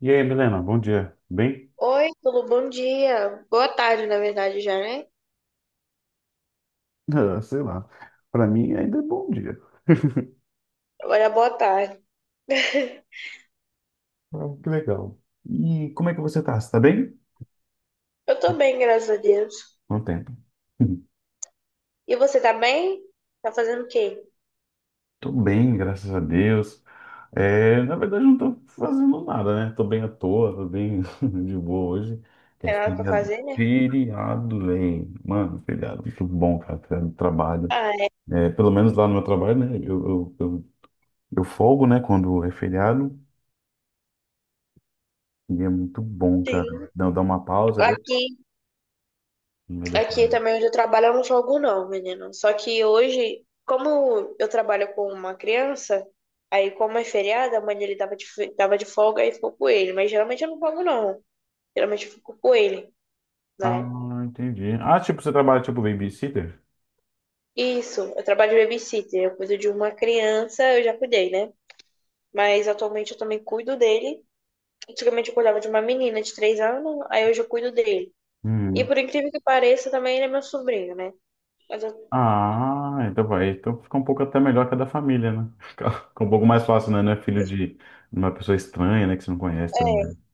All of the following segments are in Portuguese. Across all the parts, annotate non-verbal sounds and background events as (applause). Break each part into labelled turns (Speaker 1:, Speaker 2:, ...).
Speaker 1: E aí, Milena, bom dia. Bem?
Speaker 2: Oi, tudo bom dia. Boa tarde, na verdade, já, né?
Speaker 1: (laughs) Ah, sei lá. Para mim ainda é bom dia.
Speaker 2: Olha, boa tarde. (laughs)
Speaker 1: Ah, que legal. E como é que você tá? Você tá bem?
Speaker 2: Eu tô bem, graças a Deus.
Speaker 1: Quanto tempo? (laughs)
Speaker 2: E você tá bem? Tá fazendo o quê?
Speaker 1: Tô bem, graças a Deus. Na verdade, não tô fazendo nada, né? Tô bem à toa, tô bem (laughs) de boa hoje. É
Speaker 2: Tem nada pra
Speaker 1: feriado,
Speaker 2: fazer, né?
Speaker 1: feriado, velho. Mano, feriado, muito bom, cara, feriado do trabalho.
Speaker 2: Ah, é,
Speaker 1: É, pelo menos lá no meu trabalho, né? Eu folgo, né, quando é feriado. E é muito bom,
Speaker 2: sim.
Speaker 1: cara. Dá uma pausa. Eu...
Speaker 2: Aqui,
Speaker 1: no meio da
Speaker 2: aqui
Speaker 1: semana.
Speaker 2: também onde eu trabalho, eu não jogo não, menino. Só que hoje, como eu trabalho com uma criança, aí como é feriado, a mãe dele tava de, tava de folga e ficou com ele. Mas geralmente eu não jogo não. Geralmente eu fico com ele,
Speaker 1: Ah,
Speaker 2: né?
Speaker 1: entendi. Ah, tipo, você trabalha tipo babysitter?
Speaker 2: Isso, eu trabalho de babysitter. Eu cuido de uma criança, eu já cuidei, né? Mas atualmente eu também cuido dele. Antigamente eu cuidava de uma menina de 3 anos, aí hoje eu cuido dele. E
Speaker 1: Uhum.
Speaker 2: por incrível que pareça, também ele é meu sobrinho, né? Mas eu-
Speaker 1: Ah, então vai. Então fica um pouco até melhor que a da família, né? (laughs) Fica um pouco mais fácil, né? Não é filho de uma pessoa estranha, né? Que você não conhece também.
Speaker 2: é,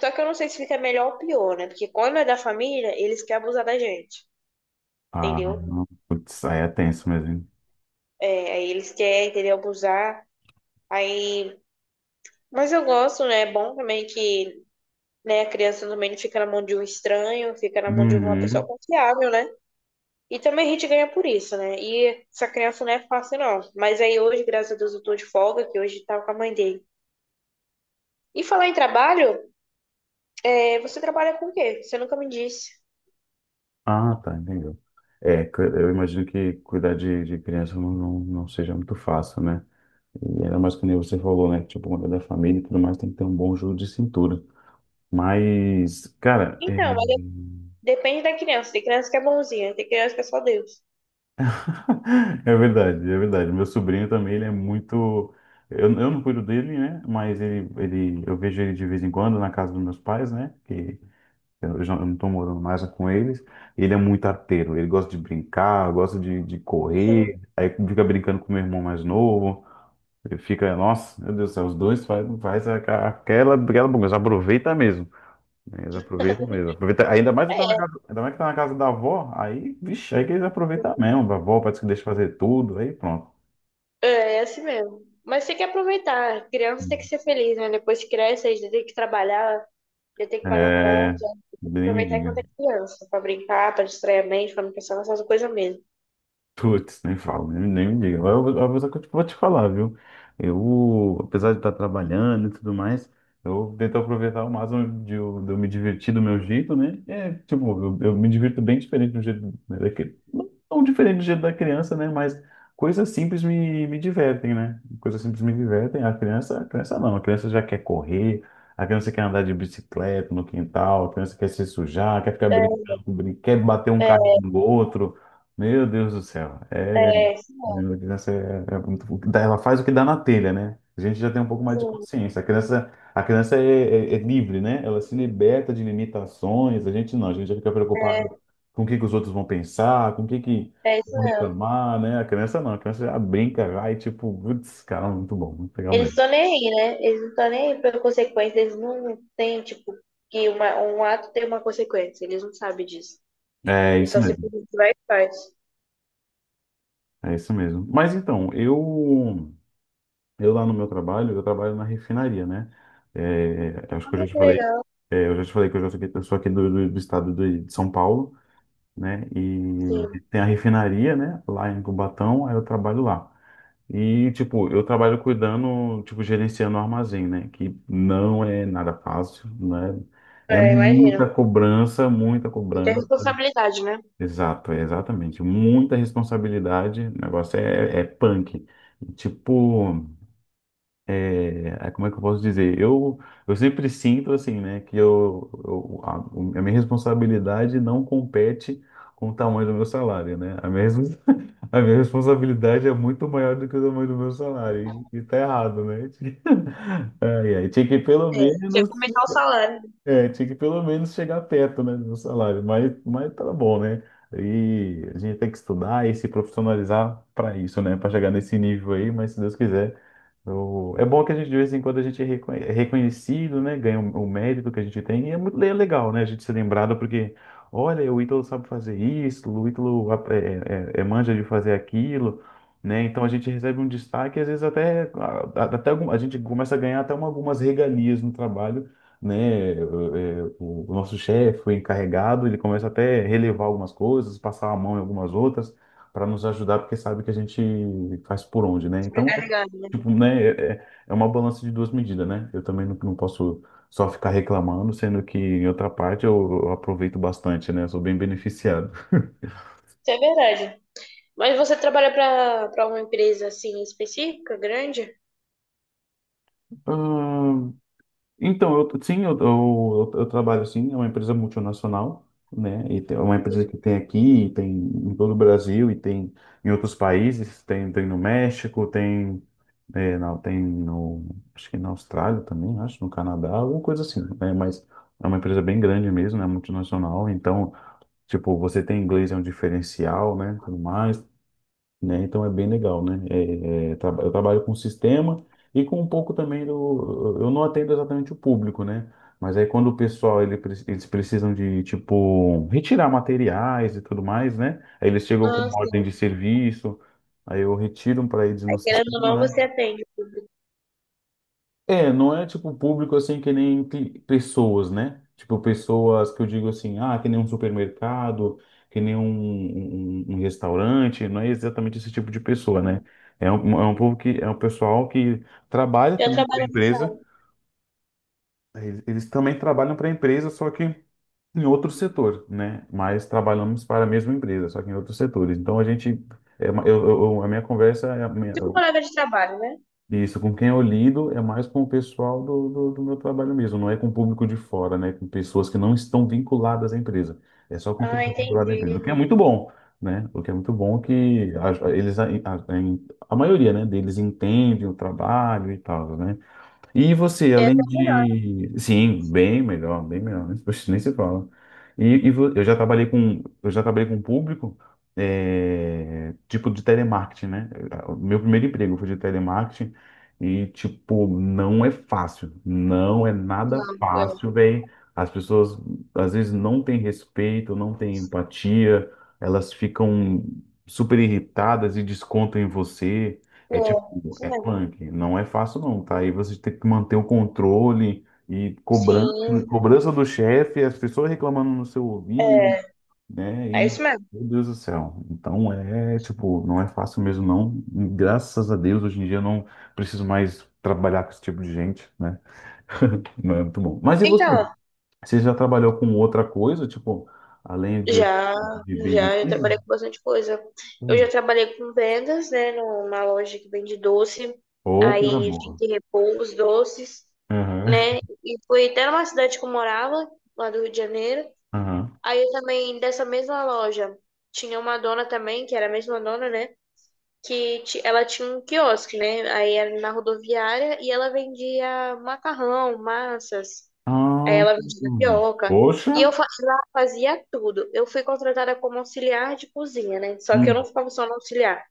Speaker 2: só que eu não sei se fica melhor ou pior, né? Porque quando é da família, eles querem abusar da gente,
Speaker 1: Ah,
Speaker 2: entendeu?
Speaker 1: putz, aí é tenso mesmo. Hein?
Speaker 2: É, aí eles querem, entendeu? Abusar. Aí. Mas eu gosto, né? É bom também que, né, a criança também não fica na mão de um estranho, fica na mão de uma pessoa
Speaker 1: Uhum.
Speaker 2: confiável, né? E também a gente ganha por isso, né? E essa criança não é fácil, não. Mas aí hoje, graças a Deus, eu tô de folga, que hoje tava com a mãe dele. E falar em trabalho, é, você trabalha com o quê? Você nunca me disse.
Speaker 1: Ah, tá, entendeu. Eu imagino que cuidar de criança não seja muito fácil, né? E ainda mais que nem você falou, né? Tipo, quando é da família e tudo mais, tem que ter um bom jogo de cintura. Mas, cara, é.
Speaker 2: Então, mas de- depende da criança. Tem criança que é bonzinha, tem criança que é só Deus.
Speaker 1: É verdade, é verdade. Meu sobrinho também, ele é muito. Eu não cuido dele, né? Mas eu vejo ele de vez em quando na casa dos meus pais, né? Que eu não tô morando mais com eles. Ele é muito arteiro. Ele gosta de brincar, gosta de correr.
Speaker 2: (laughs)
Speaker 1: Aí fica brincando com meu irmão mais novo. Ele fica, nossa, meu Deus do céu, os dois faz, aquela bagunça. Aproveita mesmo. Eles aproveitam mesmo. Aproveita, ainda mais que tá na casa, ainda mais que tá na casa da avó, aí, vixe, aí que eles aproveitam mesmo. A avó parece que deixa fazer tudo, aí pronto.
Speaker 2: É, é assim mesmo. Mas tem que aproveitar. Criança tem que ser feliz, né? Depois que cresce, aí já tem que trabalhar, já tem que pagar conta.
Speaker 1: É, nem me
Speaker 2: Aproveitar
Speaker 1: diga.
Speaker 2: enquanto é criança, pra brincar, pra distrair a mente, pra não pensar nessas coisas mesmo.
Speaker 1: Putz, nem falo, nem me diga. Eu vou te falar, viu? Eu, apesar de estar trabalhando e tudo mais, eu tento aproveitar o máximo de eu me divertir do meu jeito, né? É, tipo, eu me divirto bem diferente do jeito né, daquele. Não tão diferente do jeito da criança, né? Mas coisas simples me divertem, né? Coisas simples me divertem. A criança não, a criança já quer correr, a criança quer andar de bicicleta no quintal, a criança quer se sujar, quer ficar
Speaker 2: É,
Speaker 1: brincando, quer bater um
Speaker 2: é,
Speaker 1: carro no outro. Meu Deus do céu.
Speaker 2: é, sim,
Speaker 1: A criança é, ela faz o que dá na telha, né? A gente já tem um pouco mais de
Speaker 2: sim.
Speaker 1: consciência. A criança é livre, né? Ela se liberta de limitações. A gente não, a gente já fica
Speaker 2: É,
Speaker 1: preocupado com o que que os outros vão pensar, com o que que
Speaker 2: É isso
Speaker 1: vão
Speaker 2: mesmo.
Speaker 1: reclamar, né? A criança não, a criança já brinca, vai, tipo, putz, cara, muito bom, muito legal
Speaker 2: Eles
Speaker 1: mesmo.
Speaker 2: estão nem aí, né? Eles não estão nem aí pra consequência. Eles não têm, tipo, um ato tem uma consequência. Eles não sabem disso.
Speaker 1: É
Speaker 2: Eles
Speaker 1: isso
Speaker 2: só
Speaker 1: mesmo,
Speaker 2: simplesmente vai e faz.
Speaker 1: é isso mesmo. Mas então, eu lá no meu trabalho, eu trabalho na refinaria, né? É, acho
Speaker 2: Ah,
Speaker 1: que eu
Speaker 2: mas
Speaker 1: já te
Speaker 2: que
Speaker 1: falei,
Speaker 2: legal.
Speaker 1: é, eu já te falei que eu, já sou aqui, eu sou aqui do estado de São Paulo, né? E
Speaker 2: Sim.
Speaker 1: tem a refinaria, né? Lá em Cubatão, aí eu trabalho lá. E, tipo, eu trabalho cuidando, tipo, gerenciando o armazém, né? Que não é nada fácil, né? É
Speaker 2: É, imagina.
Speaker 1: muita cobrança, muita
Speaker 2: Não tem
Speaker 1: cobrança.
Speaker 2: responsabilidade, né?
Speaker 1: Exato, é exatamente. Muita responsabilidade. O negócio é punk. Tipo. Como é que eu posso dizer? Eu sempre sinto assim, né, que a minha responsabilidade não compete com o tamanho do meu salário, né? (laughs) A minha responsabilidade é muito maior do que o tamanho do meu salário, e tá errado, né? (laughs) Ai, tinha que pelo
Speaker 2: É. Você ia
Speaker 1: menos,
Speaker 2: começar o salário
Speaker 1: é, tinha que pelo menos chegar perto, né, do meu salário, mas tá bom, né? E a gente tem que estudar e se profissionalizar para isso, né? Para chegar nesse nível aí, mas se Deus quiser. É bom que a gente, de vez em quando, a gente é é reconhecido, né? Ganha o mérito que a gente tem. E é muito legal, né? A gente ser lembrado porque, olha, o Ítalo sabe fazer isso, o Ítalo é manja de fazer aquilo, né? Então a gente recebe um destaque, e às vezes até a gente começa a ganhar até algumas regalias no trabalho, né? O nosso chefe, o encarregado, ele começa até a relevar algumas coisas, passar a mão em algumas outras, para nos ajudar, porque sabe que a gente faz por onde, né? Então
Speaker 2: sobrecarregado, né?
Speaker 1: tipo, né, é uma balança de duas medidas, né? Eu também não posso só ficar reclamando, sendo que em outra parte eu aproveito bastante, né? Eu sou bem beneficiado.
Speaker 2: Isso é verdade. Mas você trabalha pra uma empresa, assim, específica, grande?
Speaker 1: Ah, então, eu, sim, eu trabalho assim, é uma empresa multinacional, né? É uma empresa que tem aqui, tem em todo o Brasil e tem em outros países, tem no México, tem, é, não, tem no, acho que na Austrália também, acho, no Canadá, alguma coisa assim, né? Mas é uma empresa bem grande mesmo, né? Multinacional, então tipo, você tem inglês é um diferencial, né? Tudo mais, né? Então é bem legal, né? Eu trabalho com sistema e com um pouco também do. Eu não atendo exatamente o público, né? Mas aí quando o pessoal eles precisam de tipo retirar materiais e tudo mais, né? Aí eles chegam com
Speaker 2: Ah,
Speaker 1: uma ordem
Speaker 2: sim.
Speaker 1: de serviço, aí eu retiro para eles no
Speaker 2: Aí, querendo ou
Speaker 1: sistema,
Speaker 2: não,
Speaker 1: né?
Speaker 2: você atende o público.
Speaker 1: É, não é tipo público assim que nem pessoas, né? Tipo pessoas que eu digo assim, ah, que nem um supermercado, que nem um, um restaurante, não é exatamente esse tipo de pessoa, né? É um povo que é um pessoal que trabalha
Speaker 2: Eu
Speaker 1: também para a
Speaker 2: trabalho nessa
Speaker 1: empresa,
Speaker 2: área.
Speaker 1: eles também trabalham para a empresa, só que em outro setor, né? Mas trabalhamos para a mesma empresa, só que em outros setores. Então a gente, a minha conversa,
Speaker 2: Tipo palavra de trabalho, né?
Speaker 1: isso, com quem eu lido é mais com o pessoal do meu trabalho mesmo, não é com o público de fora, né? Com pessoas que não estão vinculadas à empresa. É só com quem
Speaker 2: Ah,
Speaker 1: está vinculado à empresa, o que é
Speaker 2: entendi.
Speaker 1: muito bom, né? O que é muito bom que a maioria, né, deles entende o trabalho e tal, né? E você, além de. Sim, bem melhor, bem melhor. Né? Poxa, nem se fala. Eu já trabalhei com. Eu já trabalhei com um público, é, tipo de telemarketing, né? O meu primeiro emprego foi de telemarketing e, tipo, não é fácil. Não é nada
Speaker 2: Nada.
Speaker 1: fácil, velho. As pessoas às vezes não têm respeito, não têm empatia, elas ficam super irritadas e descontam em você.
Speaker 2: É,
Speaker 1: É
Speaker 2: é isso
Speaker 1: é
Speaker 2: mesmo.
Speaker 1: punk, não é fácil não, tá? Aí você tem que manter o controle e cobrança,
Speaker 2: Sim,
Speaker 1: cobrança do chefe, as pessoas reclamando no seu ouvido,
Speaker 2: é,
Speaker 1: né?
Speaker 2: é
Speaker 1: E,
Speaker 2: isso mesmo.
Speaker 1: meu Deus do céu. Então é, tipo, não é fácil mesmo não. Graças a Deus, hoje em dia eu não preciso mais trabalhar com esse tipo de gente, né? Não é muito bom. Mas e você?
Speaker 2: Então,
Speaker 1: Você já trabalhou com outra coisa, tipo, além
Speaker 2: já,
Speaker 1: de
Speaker 2: eu
Speaker 1: babysitter?
Speaker 2: trabalhei com bastante coisa. Eu já
Speaker 1: Hum.
Speaker 2: trabalhei com vendas, né, numa loja que vende doce,
Speaker 1: Ô, coisa
Speaker 2: aí tinha
Speaker 1: boa.
Speaker 2: que repor os doces,
Speaker 1: Aham,
Speaker 2: né, e foi até numa cidade que eu morava, lá do Rio de Janeiro.
Speaker 1: aham.
Speaker 2: Aí eu também, dessa mesma loja, tinha uma dona também, que era a mesma dona, né, ela tinha um quiosque, né? Aí era na rodoviária e ela vendia macarrão, massas, aí
Speaker 1: Ah,
Speaker 2: ela vendia
Speaker 1: hum.
Speaker 2: tapioca.
Speaker 1: Poxa.
Speaker 2: Lá fazia tudo. Eu fui contratada como auxiliar de cozinha, né? Só que eu não
Speaker 1: Hum.
Speaker 2: ficava só no auxiliar.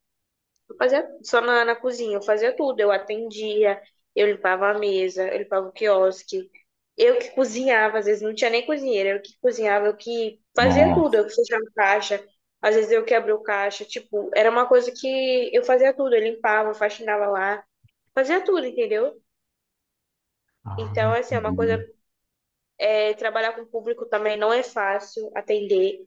Speaker 2: Eu fazia só na cozinha, eu fazia tudo. Eu atendia, eu limpava a mesa, eu limpava o quiosque. Eu que cozinhava, às vezes não tinha nem cozinheira, eu que cozinhava, eu que fazia tudo,
Speaker 1: Nossa.
Speaker 2: eu que fechava caixa, às vezes eu que abria o caixa, tipo, era uma coisa que eu fazia tudo, eu limpava, faxinava lá, fazia tudo, entendeu?
Speaker 1: Ah,
Speaker 2: Então, assim, é uma coisa
Speaker 1: entendi.
Speaker 2: é, trabalhar com público também não é fácil atender.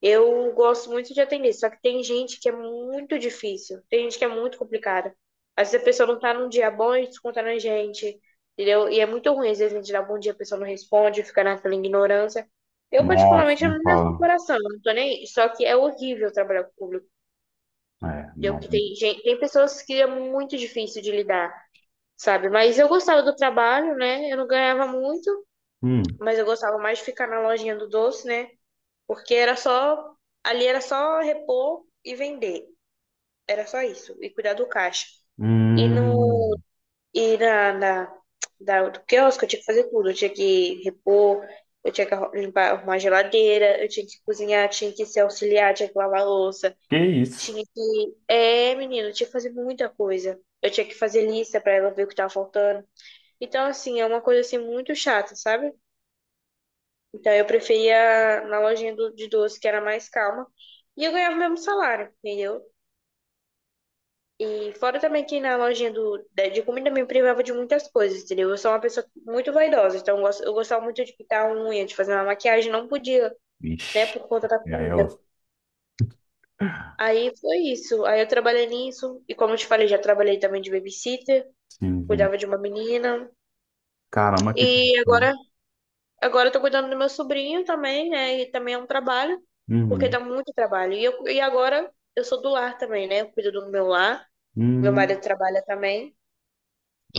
Speaker 2: Eu gosto muito de atender, só que tem gente que é muito difícil, tem gente que é muito complicada. Às vezes a pessoa não tá num dia bom e desconta na gente, entendeu? E é muito ruim, às vezes a gente dá bom dia, a pessoa não responde, fica naquela ignorância. Eu,
Speaker 1: Nossa,
Speaker 2: particularmente, eu
Speaker 1: nem
Speaker 2: não levo pro
Speaker 1: fala.
Speaker 2: coração, eu não tô nem aí. Só que é horrível trabalhar com público,
Speaker 1: É,
Speaker 2: entendeu?
Speaker 1: não.
Speaker 2: Que tem gente, tem pessoas que é muito difícil de lidar, sabe? Mas eu gostava do trabalho, né? Eu não ganhava muito,
Speaker 1: Hum.
Speaker 2: mas eu gostava mais de ficar na lojinha do doce, né? Porque era só, ali era só repor e vender. Era só isso, e cuidar do caixa. E no
Speaker 1: Hum.
Speaker 2: e na, na da, do quiosque eu tinha que fazer tudo, eu tinha que repor, eu tinha que arru- limpar, arrumar a geladeira, eu tinha que cozinhar, tinha que se auxiliar, tinha que lavar a louça,
Speaker 1: Que isso?
Speaker 2: tinha que. É, menino, eu tinha que fazer muita coisa. Eu tinha que fazer lista pra ela ver o que tava faltando. Então, assim, é uma coisa assim muito chata, sabe? Então eu preferia na lojinha de doce, que era mais calma, e eu ganhava o mesmo salário, entendeu? E fora também que na lojinha de comida me privava de muitas coisas, entendeu? Eu sou uma pessoa muito vaidosa, então eu gostava muito de pintar a unha, de fazer uma maquiagem, não podia, né,
Speaker 1: Ixi.
Speaker 2: por conta da
Speaker 1: E aí, eu...
Speaker 2: comida. Aí foi isso, aí eu trabalhei nisso, e como eu te falei, já trabalhei também de babysitter,
Speaker 1: Sim.
Speaker 2: cuidava de uma menina,
Speaker 1: Caramba, que triste.
Speaker 2: e agora agora eu tô cuidando do meu sobrinho também, né? E também é um trabalho, porque
Speaker 1: Uhum.
Speaker 2: dá muito trabalho. E agora eu sou do lar também, né? Eu cuido do meu lar, meu marido
Speaker 1: Hum.
Speaker 2: trabalha também,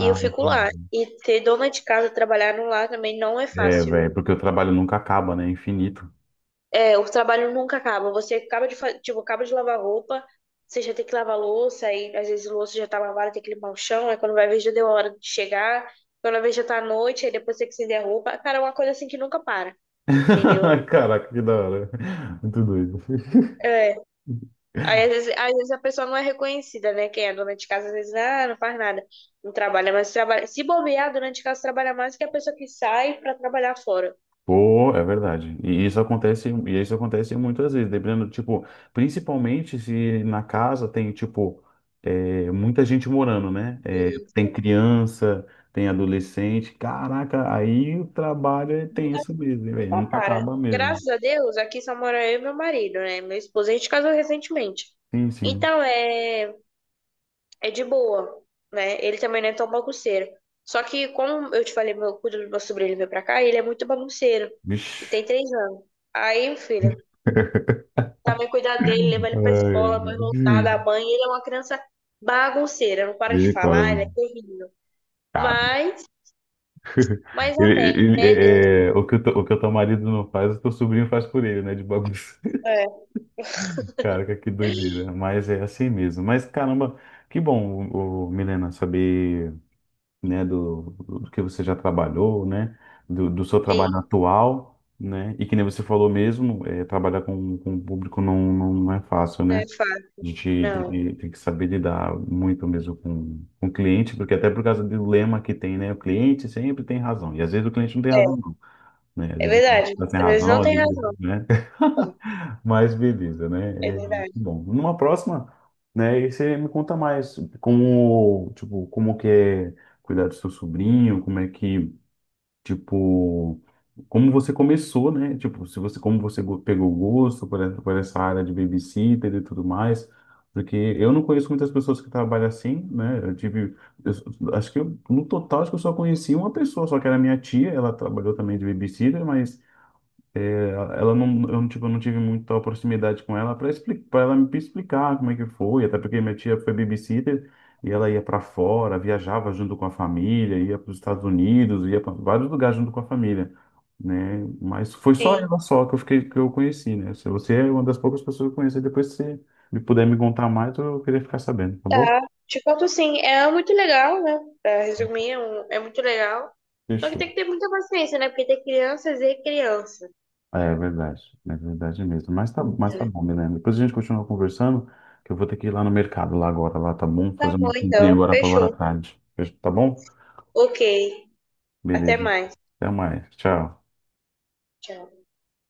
Speaker 2: e eu fico
Speaker 1: entendi.
Speaker 2: lá. E ter dona de casa trabalhar no lar também não é
Speaker 1: É,
Speaker 2: fácil,
Speaker 1: velho,
Speaker 2: viu?
Speaker 1: porque o trabalho nunca acaba, né? É infinito.
Speaker 2: É, o trabalho nunca acaba. Você acaba de, tipo, acaba de lavar roupa, você já tem que lavar louça, aí às vezes a louça já tá lavada, tem que limpar o chão, aí quando vai ver já deu a hora de chegar, quando vai ver já tá à noite, aí depois tem que estender a roupa. Cara, é uma coisa assim que nunca para, entendeu?
Speaker 1: (laughs) Caraca, que da hora. Muito doido.
Speaker 2: É, aí, às vezes a pessoa não é reconhecida, né? Quem é dona de casa, às vezes, ah, não faz nada, não trabalha, mas trabalha. Se bobear, a dona de casa trabalha mais que a pessoa que sai para trabalhar fora.
Speaker 1: Pô, é verdade. E isso acontece muitas vezes, dependendo, tipo, principalmente se na casa tem, tipo, é, muita gente morando, né? É, tem
Speaker 2: Isso.
Speaker 1: criança, tem adolescente. Caraca, aí o tem
Speaker 2: Nunca,
Speaker 1: isso mesmo, né, velho?
Speaker 2: nunca
Speaker 1: Nunca
Speaker 2: para.
Speaker 1: acaba mesmo.
Speaker 2: Graças a Deus, aqui só mora eu e meu marido, né? Meu esposo, a gente casou recentemente.
Speaker 1: Sim, sim.
Speaker 2: Então, é, é de boa, né? Ele também não é tão bagunceiro. Só que, como eu te falei, meu, quando meu sobrinho veio pra cá, ele é muito bagunceiro. Ele tem
Speaker 1: Vixe.
Speaker 2: 3 anos. Aí, filho.
Speaker 1: (laughs)
Speaker 2: Também cuidar dele, levar ele
Speaker 1: Ai,
Speaker 2: pra escola, depois voltar,
Speaker 1: ai.
Speaker 2: dar banho. Ele é uma criança bagunceira, não para de falar,
Speaker 1: Misericórdia.
Speaker 2: ele é terrível.
Speaker 1: Cara.
Speaker 2: Mas, mas
Speaker 1: (laughs) Ele,
Speaker 2: amém, né? Deus?
Speaker 1: o que o que o teu marido não faz, o teu sobrinho faz por ele, né? De bagunça.
Speaker 2: É,
Speaker 1: Cara que doideira. Mas é assim mesmo. Mas caramba, que bom, o, Milena, saber, né, do que você já trabalhou, né, do seu trabalho
Speaker 2: tem,
Speaker 1: atual, né, e que nem você falou mesmo, é, trabalhar com o público não é fácil,
Speaker 2: né?
Speaker 1: né?
Speaker 2: Fato.
Speaker 1: A gente
Speaker 2: Não,
Speaker 1: tem que saber lidar muito mesmo com o cliente, porque até por causa do lema que tem, né, o cliente sempre tem razão. E às vezes o cliente não tem
Speaker 2: é,
Speaker 1: razão, não, né? Às
Speaker 2: é
Speaker 1: vezes o cliente
Speaker 2: verdade.
Speaker 1: tá sem
Speaker 2: Às vezes
Speaker 1: razão,
Speaker 2: não
Speaker 1: às
Speaker 2: tem
Speaker 1: vezes,
Speaker 2: razão.
Speaker 1: né? (laughs) Mas beleza,
Speaker 2: É
Speaker 1: né? É muito
Speaker 2: verdade.
Speaker 1: bom. Numa próxima, né? E você me conta mais como, tipo, como que é cuidar do seu sobrinho, como é que, tipo, como você começou, né? Tipo, se você, como você pegou o gosto por essa área de babysitter e tudo mais. Porque eu não conheço muitas pessoas que trabalham assim, né? Eu tive, acho que eu, no total, acho que eu só conheci uma pessoa, só que era minha tia, ela trabalhou também de babysitter, mas ela não, eu, não, tipo, eu não tive muita proximidade com ela para explicar, para ela me explicar como é que foi, até porque minha tia foi babysitter e ela ia para fora, viajava junto com a família, ia para os Estados Unidos, ia para vários lugares junto com a família, né? Mas foi só
Speaker 2: Sim,
Speaker 1: ela só que eu fiquei, que eu conheci, né? Se você é uma das poucas pessoas que eu conheci. Depois, se me puder me contar mais, eu queria ficar sabendo, tá bom?
Speaker 2: tá. Te conto sim, é muito legal, né? Pra resumir, é muito legal. Só que
Speaker 1: Fechou.
Speaker 2: tem que ter muita paciência, né? Porque tem crianças e criança.
Speaker 1: É verdade, é verdade mesmo. Mas tá bom, Milena. Depois a gente continua conversando, que eu vou ter que ir lá no mercado lá agora, lá tá bom?
Speaker 2: Tá
Speaker 1: Fazer uma
Speaker 2: bom,
Speaker 1: comprinha
Speaker 2: então.
Speaker 1: agora para agora à
Speaker 2: Fechou.
Speaker 1: tarde. Tá bom?
Speaker 2: Ok. Até
Speaker 1: Beleza.
Speaker 2: mais.
Speaker 1: Até mais. Tchau.
Speaker 2: Tchau.